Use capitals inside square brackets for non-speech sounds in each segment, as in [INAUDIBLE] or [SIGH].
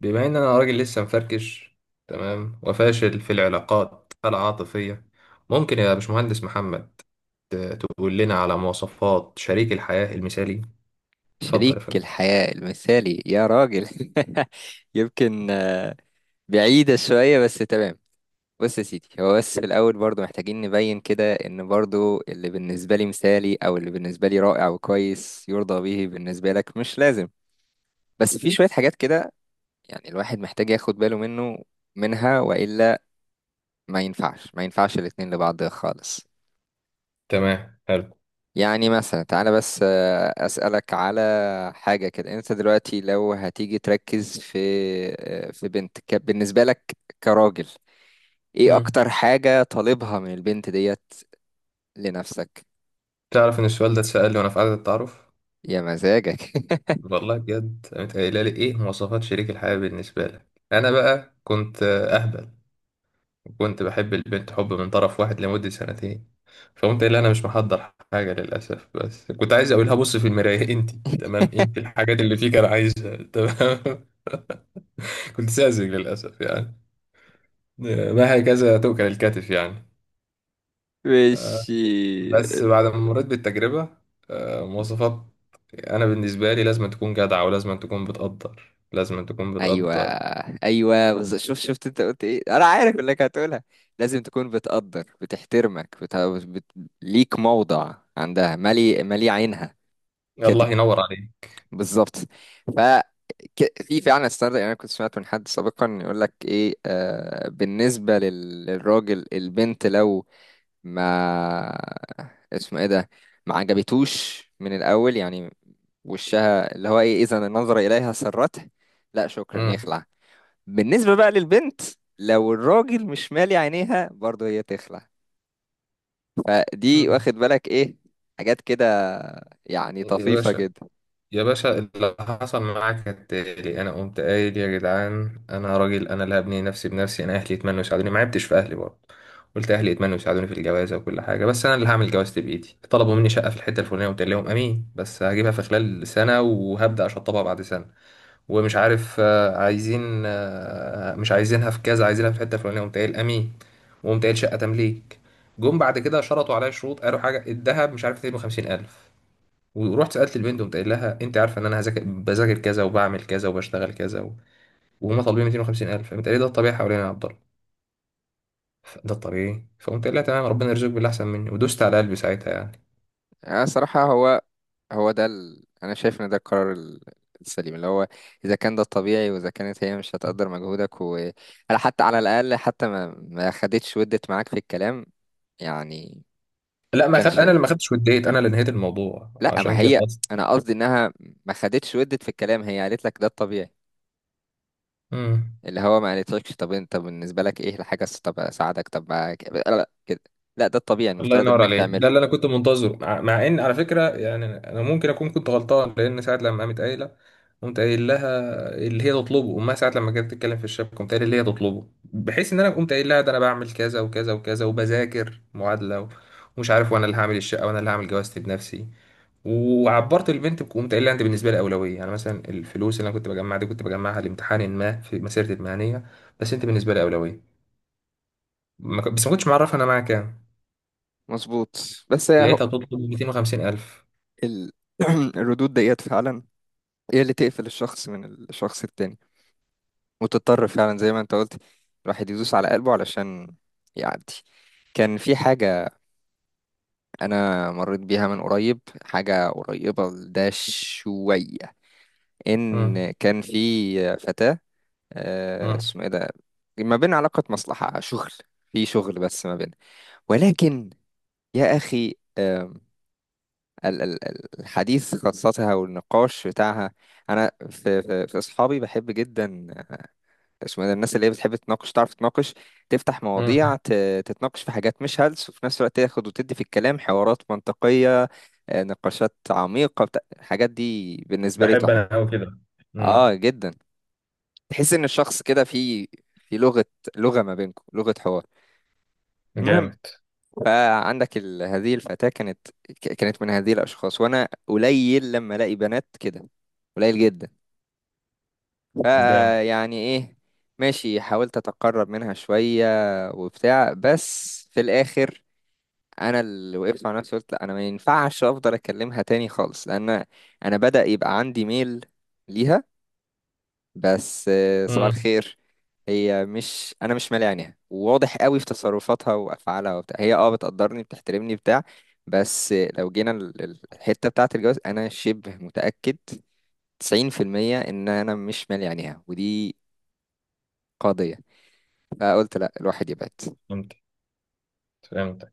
بما ان انا راجل لسه مفركش تمام، وفاشل في العلاقات العاطفية. ممكن يا باشمهندس محمد تقول لنا على مواصفات شريك الحياة المثالي. اتفضل شريك يا فندم. الحياة المثالي يا راجل. [LAUGHS] يمكن بعيدة شوية بس تمام. بص يا سيدي، هو بس في الأول برضو محتاجين نبين كده إن برضو اللي بالنسبة لي مثالي أو اللي بالنسبة لي رائع وكويس يرضى به بالنسبة لك مش لازم. بس في شوية حاجات كده، يعني الواحد محتاج ياخد باله منها، وإلا ما ينفعش الاتنين لبعض خالص. تمام، حلو. يعني مثلا تعالى بس أسألك على حاجة كده. انت دلوقتي لو هتيجي تركز في بنت بالنسبة لك كراجل، ايه مم. اكتر حاجة طالبها من البنت ديت لنفسك؟ تعرف ان السؤال ده اتسأل لي وانا في قعدة التعارف. يا مزاجك. [LAUGHS] والله بجد قامت قايله لي ايه مواصفات شريك الحياة بالنسبة لك. انا بقى كنت اهبل. كنت بحب البنت حب من طرف واحد لمدة سنتين. فقمت قايل لها أنا مش محضر حاجة للأسف، بس كنت عايز أقولها بص في المراية [LAUGHS] أنت تمام. أنت الحاجات اللي فيك أنا عايزها تمام. [LAUGHS] كنت ساذج للأسف يعني، ما هكذا تؤكل الكتف يعني. ماشي. بس بعد ما مريت بالتجربة، مواصفات. أنا بالنسبة لي لازم تكون جدعة، ولازم تكون بتقدر لازم تكون ايوه، بتقدر. ايوه، شفت انت قلت ايه، انا عارف انك هتقولها. لازم تكون بتقدر، بتحترمك، بت... ليك موضع عندها، مالي عينها. الله ينور عليك. بالظبط. ف في فعلا ستاندرد، يعني انا كنت سمعت من حد سابقا يقول لك ايه، بالنسبه للراجل، البنت لو ما [LAUGHS] اسمه ايه ده، ما عجبتوش من الاول يعني. وشها اللي هو ايه، اذا النظر اليها سرته، لا شكرا، مم. يخلع. بالنسبه بقى للبنت، لو الراجل مش مالي عينيها برضه، هي تخلع. فدي، مم. واخد بالك، ايه حاجات كده، يعني يا طفيفه باشا، جدا. يا باشا اللي حصل معاك كالتالي: انا قمت قايل يا جدعان انا راجل، انا اللي هبني نفسي بنفسي، انا اهلي يتمنوا يساعدوني، ما عبتش في اهلي برضه. قلت اهلي يتمنوا يساعدوني في الجوازه وكل حاجه، بس انا اللي هعمل جوازتي بايدي. طلبوا مني شقه في الحته الفلانيه، قلت لهم امين، بس هجيبها في خلال سنه وهبدا اشطبها بعد سنه. ومش عارف عايزين مش عايزينها في كذا، عايزينها في الحته الفلانيه، قمت قايل امين. وقمت قايل شقه تمليك. جم بعد كده شرطوا عليا شروط، قالوا حاجه الذهب مش عارف 250 الف. ورحت سالت البنت وقمت قايل لها انت عارفه ان انا هذاكر بذاكر كذا وبعمل كذا وبشتغل كذا وهم طالبين 250,000. فقمت قايل لي ده الطبيعي حوالينا يا عبد الله. ده الطبيعي. فقمت قايل لها تمام، ربنا يرزقك باللي احسن مني، ودوست على قلبي ساعتها يعني. يعني صراحه، هو ده انا شايف ان ده القرار السليم، اللي هو اذا كان ده الطبيعي، واذا كانت هي مش هتقدر مجهودك، و حتى على الاقل، حتى ما خدتش ودت معاك في الكلام يعني. لا ما خد... كانش، انا اللي ما خدتش وديت، انا اللي نهيت الموضوع لا ما عشان كده هي، اصلا. انا قصدي انها ما خدتش ودت في الكلام، هي قالت لك ده الطبيعي، مم. اللي هو ما قالتلكش طب انت، طب بالنسبه لك ايه الحاجه طب اساعدك طب لا، لا كده، لا ده الطبيعي، الله المفترض ينور انك عليك، ده اللي تعمله. انا كنت منتظره. مع ان على فكره يعني انا ممكن اكون كنت غلطان، لان ساعه لما قامت قايله قمت قايل لها اللي هي تطلبه امها ساعه لما جت تتكلم في الشبكه، قمت قايل اللي هي تطلبه، بحيث ان انا قمت قايل لها ده انا بعمل كذا وكذا وكذا وبذاكر معادله ومش عارف، وانا اللي هعمل الشقه وانا اللي هعمل جوازتي بنفسي. وعبرت البنت قمت قايل لها انت بالنسبه لي اولويه، يعني مثلا الفلوس اللي انا كنت بجمعها دي كنت بجمعها لامتحان ما في مسيرتي المهنيه، بس انت بالنسبه لي اولويه. ما ك- بس ما كنتش معرفها انا معاك كام. مظبوط. بس هي لقيتها بتطلب 250,000. ال... [CLEARS THROAT] الردود ديت فعلا هي اللي تقفل الشخص من الشخص التاني، وتضطر فعلا زي ما انت قلت، الواحد يدوس على قلبه علشان يعدي. كان في حاجة، أنا مريت بيها من قريب، حاجة قريبة لده شوية، مم. إن كان في فتاة، مم. اسمه إيه ده، ما بين علاقة مصلحة شغل، في شغل، بس ما بين، ولكن، يا أخي، الحديث قصتها والنقاش بتاعها. أنا في أصحابي بحب جدا، اسمه ده، الناس اللي هي بتحب تناقش، تعرف تناقش، تفتح مم. مواضيع، تتناقش في حاجات مش هلس، وفي نفس الوقت تاخد وتدي في الكلام، حوارات منطقية، نقاشات عميقة، الحاجات دي بالنسبة لي بحب تحفة. انا قوي كده. مم. اه جدا. تحس ان الشخص كده في لغة ما بينكم، لغة حوار. المهم، جامد. فعندك هذه الفتاة كانت كانت من هذه الأشخاص، وأنا قليل لما ألاقي بنات كده، قليل جدا. جامد. فيعني ايه، ماشي، حاولت اتقرب منها شوية وبتاع، بس في الاخر، انا اللي وقفت مع نفسي، قلت لا انا ما ينفعش افضل اكلمها تاني خالص، لان انا بدأ يبقى عندي ميل ليها. بس صباح مم. الخير. هي مش انا مش مالي عينيها، وواضح قوي في تصرفاتها وافعالها وبتاع، هي بتقدرني بتحترمني بتاع. بس لو جينا الحتة بتاعة الجواز، انا شبه متأكد 90% ان انا مش مالي عينيها، ودي قضية. قلت لا الواحد يبعد. فهمت، فهمت.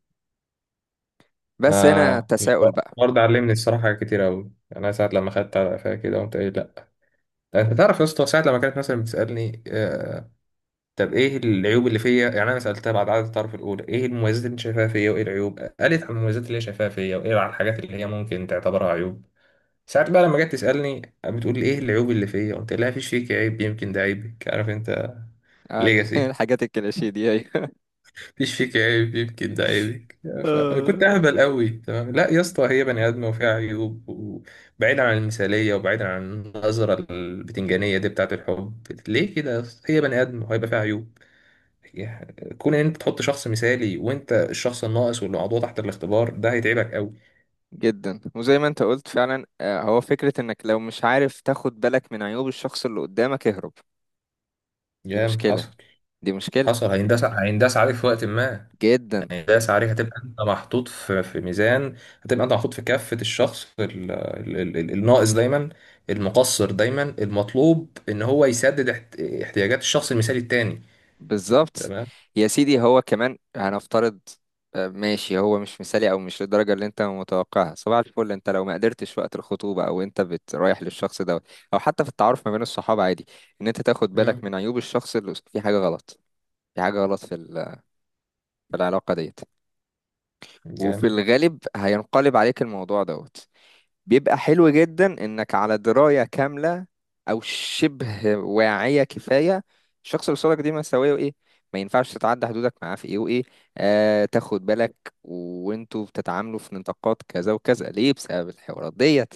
بس هنا انا تساؤل بقى. الحوار ده علمني الصراحه حاجات كتير قوي. انا ساعه لما خدت على قفايا كده قمت قايل لا، انت تعرف يا اسطى ساعه لما كانت مثلا بتسالني طب ايه العيوب اللي فيا، يعني انا سالتها بعد عدد التعارف الاولى ايه المميزات اللي أنت شايفاها فيا وايه العيوب، قالت عن المميزات اللي هي شايفاها فيا وايه على الحاجات اللي هي ممكن تعتبرها عيوب. ساعات بقى لما جت تسألني بتقول لي ايه العيوب اللي فيا قلت لها مفيش فيك عيب، يمكن ده عيبك، عارف انت. [LAUGHS] ليجاسي. الحاجات الكليشيه دي. أيوة. مفيش فيك عيب، يمكن ده عيبك. فكنت آه. اهبل قوي تمام. لا يا اسطى، هي بني ادمه وفيها عيوب، وبعيدا عن المثاليه وبعيدا عن النظره البتنجانيه دي بتاعت الحب. ليه كده يا اسطى، هي بني ادم وهيبقى فيها عيوب. يعني كون ان انت تحط شخص مثالي وانت الشخص الناقص واللي موضوع تحت الاختبار، ده هيتعبك قوي. جدا. وزي ما انت قلت فعلا، هو فكرة انك لو مش عارف تاخد بالك من عيوب الشخص اللي قدامك، اهرب. دي يا مشكلة، حصل. دي مشكلة حصل هينداس، هينداس عليك في وقت ما. جدا. يعني داس عليك، هتبقى انت محطوط في ميزان. هتبقى انت محطوط في كافة الشخص الناقص دايما، المقصر دايما، المطلوب ان هو يسدد احتياجات الشخص المثالي التاني. بالظبط. تمام. يا سيدي، هو كمان هنفترض ماشي، هو مش مثالي او مش للدرجه اللي انت متوقعها، صباح الفل. انت لو ما قدرتش وقت الخطوبه، او انت رايح للشخص دوت، او حتى في التعارف ما بين الصحاب، عادي ان انت تاخد بالك مم. من عيوب الشخص اللي في حاجه غلط، في حاجه غلط في في العلاقه ديت. وفي جامد. الغالب هينقلب عليك الموضوع دوت. بيبقى حلو جدا انك على دراية كاملة، او شبه واعية كفاية، الشخص اللي قصادك دي مساوية وايه، ما ينفعش تتعدى حدودك معاه في ايه وايه. تاخد بالك وانتوا بتتعاملوا في نطاقات كذا وكذا، ليه؟ بسبب الحوارات ديت.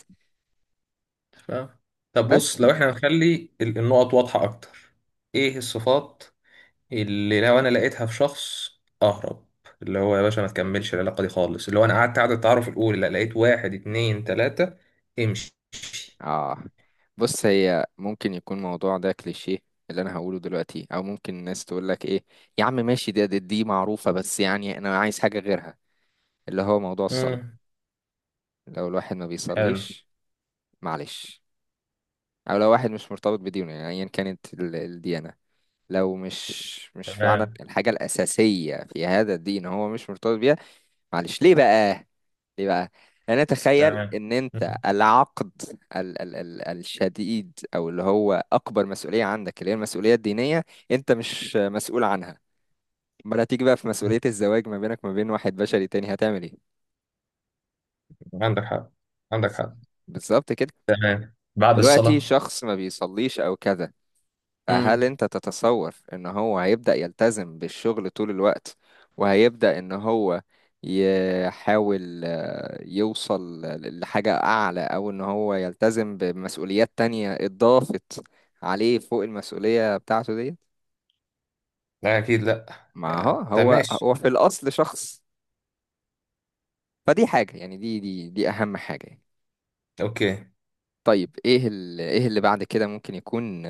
ف... طب بس. بص، لو احنا هنخلي النقط واضحة اكتر: ايه الصفات اللي لو انا لقيتها في شخص اهرب؟ اللي هو يا باشا ما تكملش العلاقة دي خالص، اللي هو انا قعدت قعدة التعارف الاولى لا لقيت واحد اتنين تلاتة، امشي. اه بص، هي ممكن يكون الموضوع ده كليشيه اللي انا هقوله دلوقتي، او ممكن الناس تقول لك ايه، يا عم ماشي، دي معروفة، بس يعني انا عايز حاجة غيرها. اللي هو موضوع الصلاة. مم. لو الواحد ما حلو. بيصليش، معلش، او لو واحد مش مرتبط بدينه، يعني ايا كانت الديانة، لو مش فعلا تمام. الحاجة الأساسية في هذا الدين هو مش مرتبط بيها. معلش. ليه بقى؟ ليه بقى؟ أنا أتخيل تمام. إن أنت مم. العقد، ال ال ال الشديد، أو اللي هو أكبر مسؤولية عندك اللي هي المسؤولية الدينية، أنت مش مسؤول عنها. أمال هتيجي بقى في مسؤولية الزواج ما بينك وما بين واحد بشري تاني، هتعمل إيه؟ عندك حق، عندك بز- حق. بالظبط كده. تمام. بعد دلوقتي الصلاة. شخص ما بيصليش أو كذا، فهل امم. انت تتصور ان هو هيبدأ يلتزم بالشغل طول الوقت، وهيبدأ ان هو يحاول يوصل لحاجة أعلى، أو إن هو يلتزم بمسؤوليات تانية اتضافت عليه فوق المسؤولية بتاعته دي؟ لا اكيد لا. ما هو يعني طب هو ماشي. هو في الأصل شخص. فدي حاجة، يعني دي أهم حاجة يعني. اوكي. طيب، إيه إيه اللي بعد كده ممكن يكون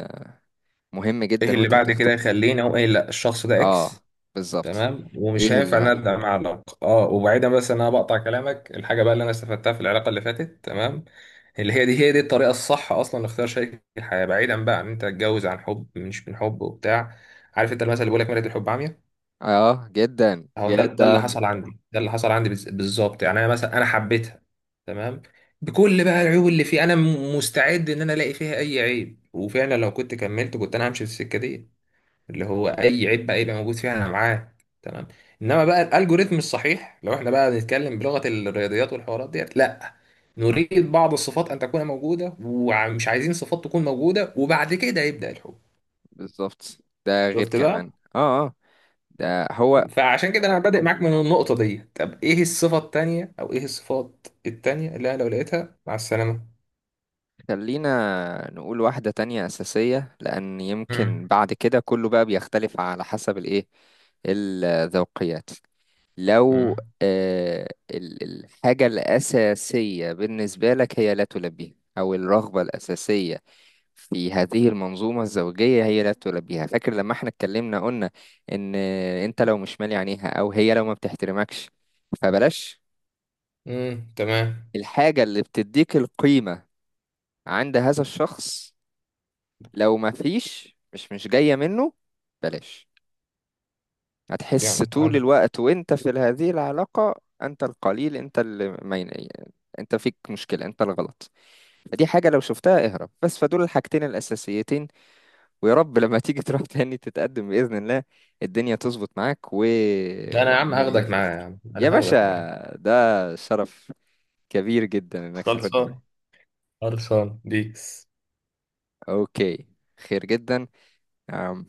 مهم ايه جدا اللي وأنت بعد كده بتختار. يخليني اقول ايه لا الشخص ده آه اكس؟ بالظبط. تمام، ومش إيه هينفع اللي ان أنا ابدا مع علاقه اه. وبعيدا، بس ان انا بقطع كلامك، الحاجه بقى اللي انا استفدتها في العلاقه اللي فاتت تمام، اللي هي دي الطريقه الصح اصلا لاختيار شريك الحياه، بعيدا بقى عن ان انت تتجوز عن حب مش من حب وبتاع. عارف انت المثل اللي بيقول لك مرية الحب عمياء؟ اه جدا هو ده اللي جدا. حصل عندي، ده اللي حصل عندي بالظبط. يعني انا مثلا انا حبيتها تمام بكل بقى العيوب اللي فيه، انا مستعد ان انا الاقي فيها اي عيب، وفعلا لو كنت كملت كنت انا همشي في السكه دي، اللي هو اي عيب بقى يبقى موجود فيها انا معاه. تمام. انما بقى الالجوريثم الصحيح، لو احنا بقى بنتكلم بلغه الرياضيات والحوارات ديت، لا، نريد بعض الصفات ان تكون موجوده، ومش عايزين صفات تكون موجوده، وبعد كده يبدا الحب. بالظبط. ده غير شفت كمان بقى؟ ده هو. فعشان كده انا بادئ معاك من النقطة دي. طب ايه الصفة التانية او ايه الصفات التانية اللي انا لو لقيتها مع السلامة؟ خلينا نقول واحدة تانية أساسية، لأن يمكن امم. بعد كده كله بقى بيختلف على حسب الإيه، الذوقيات. لو امم. الحاجة الأساسية بالنسبة لك هي لا تلبيها، أو الرغبة الأساسية في هذه المنظومة الزوجية هي لا تلبيها. فاكر لما احنا اتكلمنا، قلنا إن أنت لو مش مالي عينيها أو هي لو ما بتحترمكش، فبلاش. امم. تمام. الحاجة اللي بتديك القيمة عند هذا الشخص، لو ما فيش، مش جاية منه، بلاش. هتحس جامد، طول عندك حق. الوقت وانت في هذه العلاقة، انت القليل، انت اللي ما ين- انت فيك مشكلة، انت الغلط. فدي حاجة لو شفتها اهرب. بس فدول الحاجتين الاساسيتين، ويا رب لما تيجي [LAUGHS] تروح تاني تتقدم، باذن الله الدنيا تظبط معاك، و ده انا يا عم وعيان هاخدك يعني في معايا، يا الاختيار. عم يا انا باشا، هاخدك معايا. ده شرف كبير جدا انك تاخدني خلصان. معاك. خلصان بيس. اوكي، خير جدا.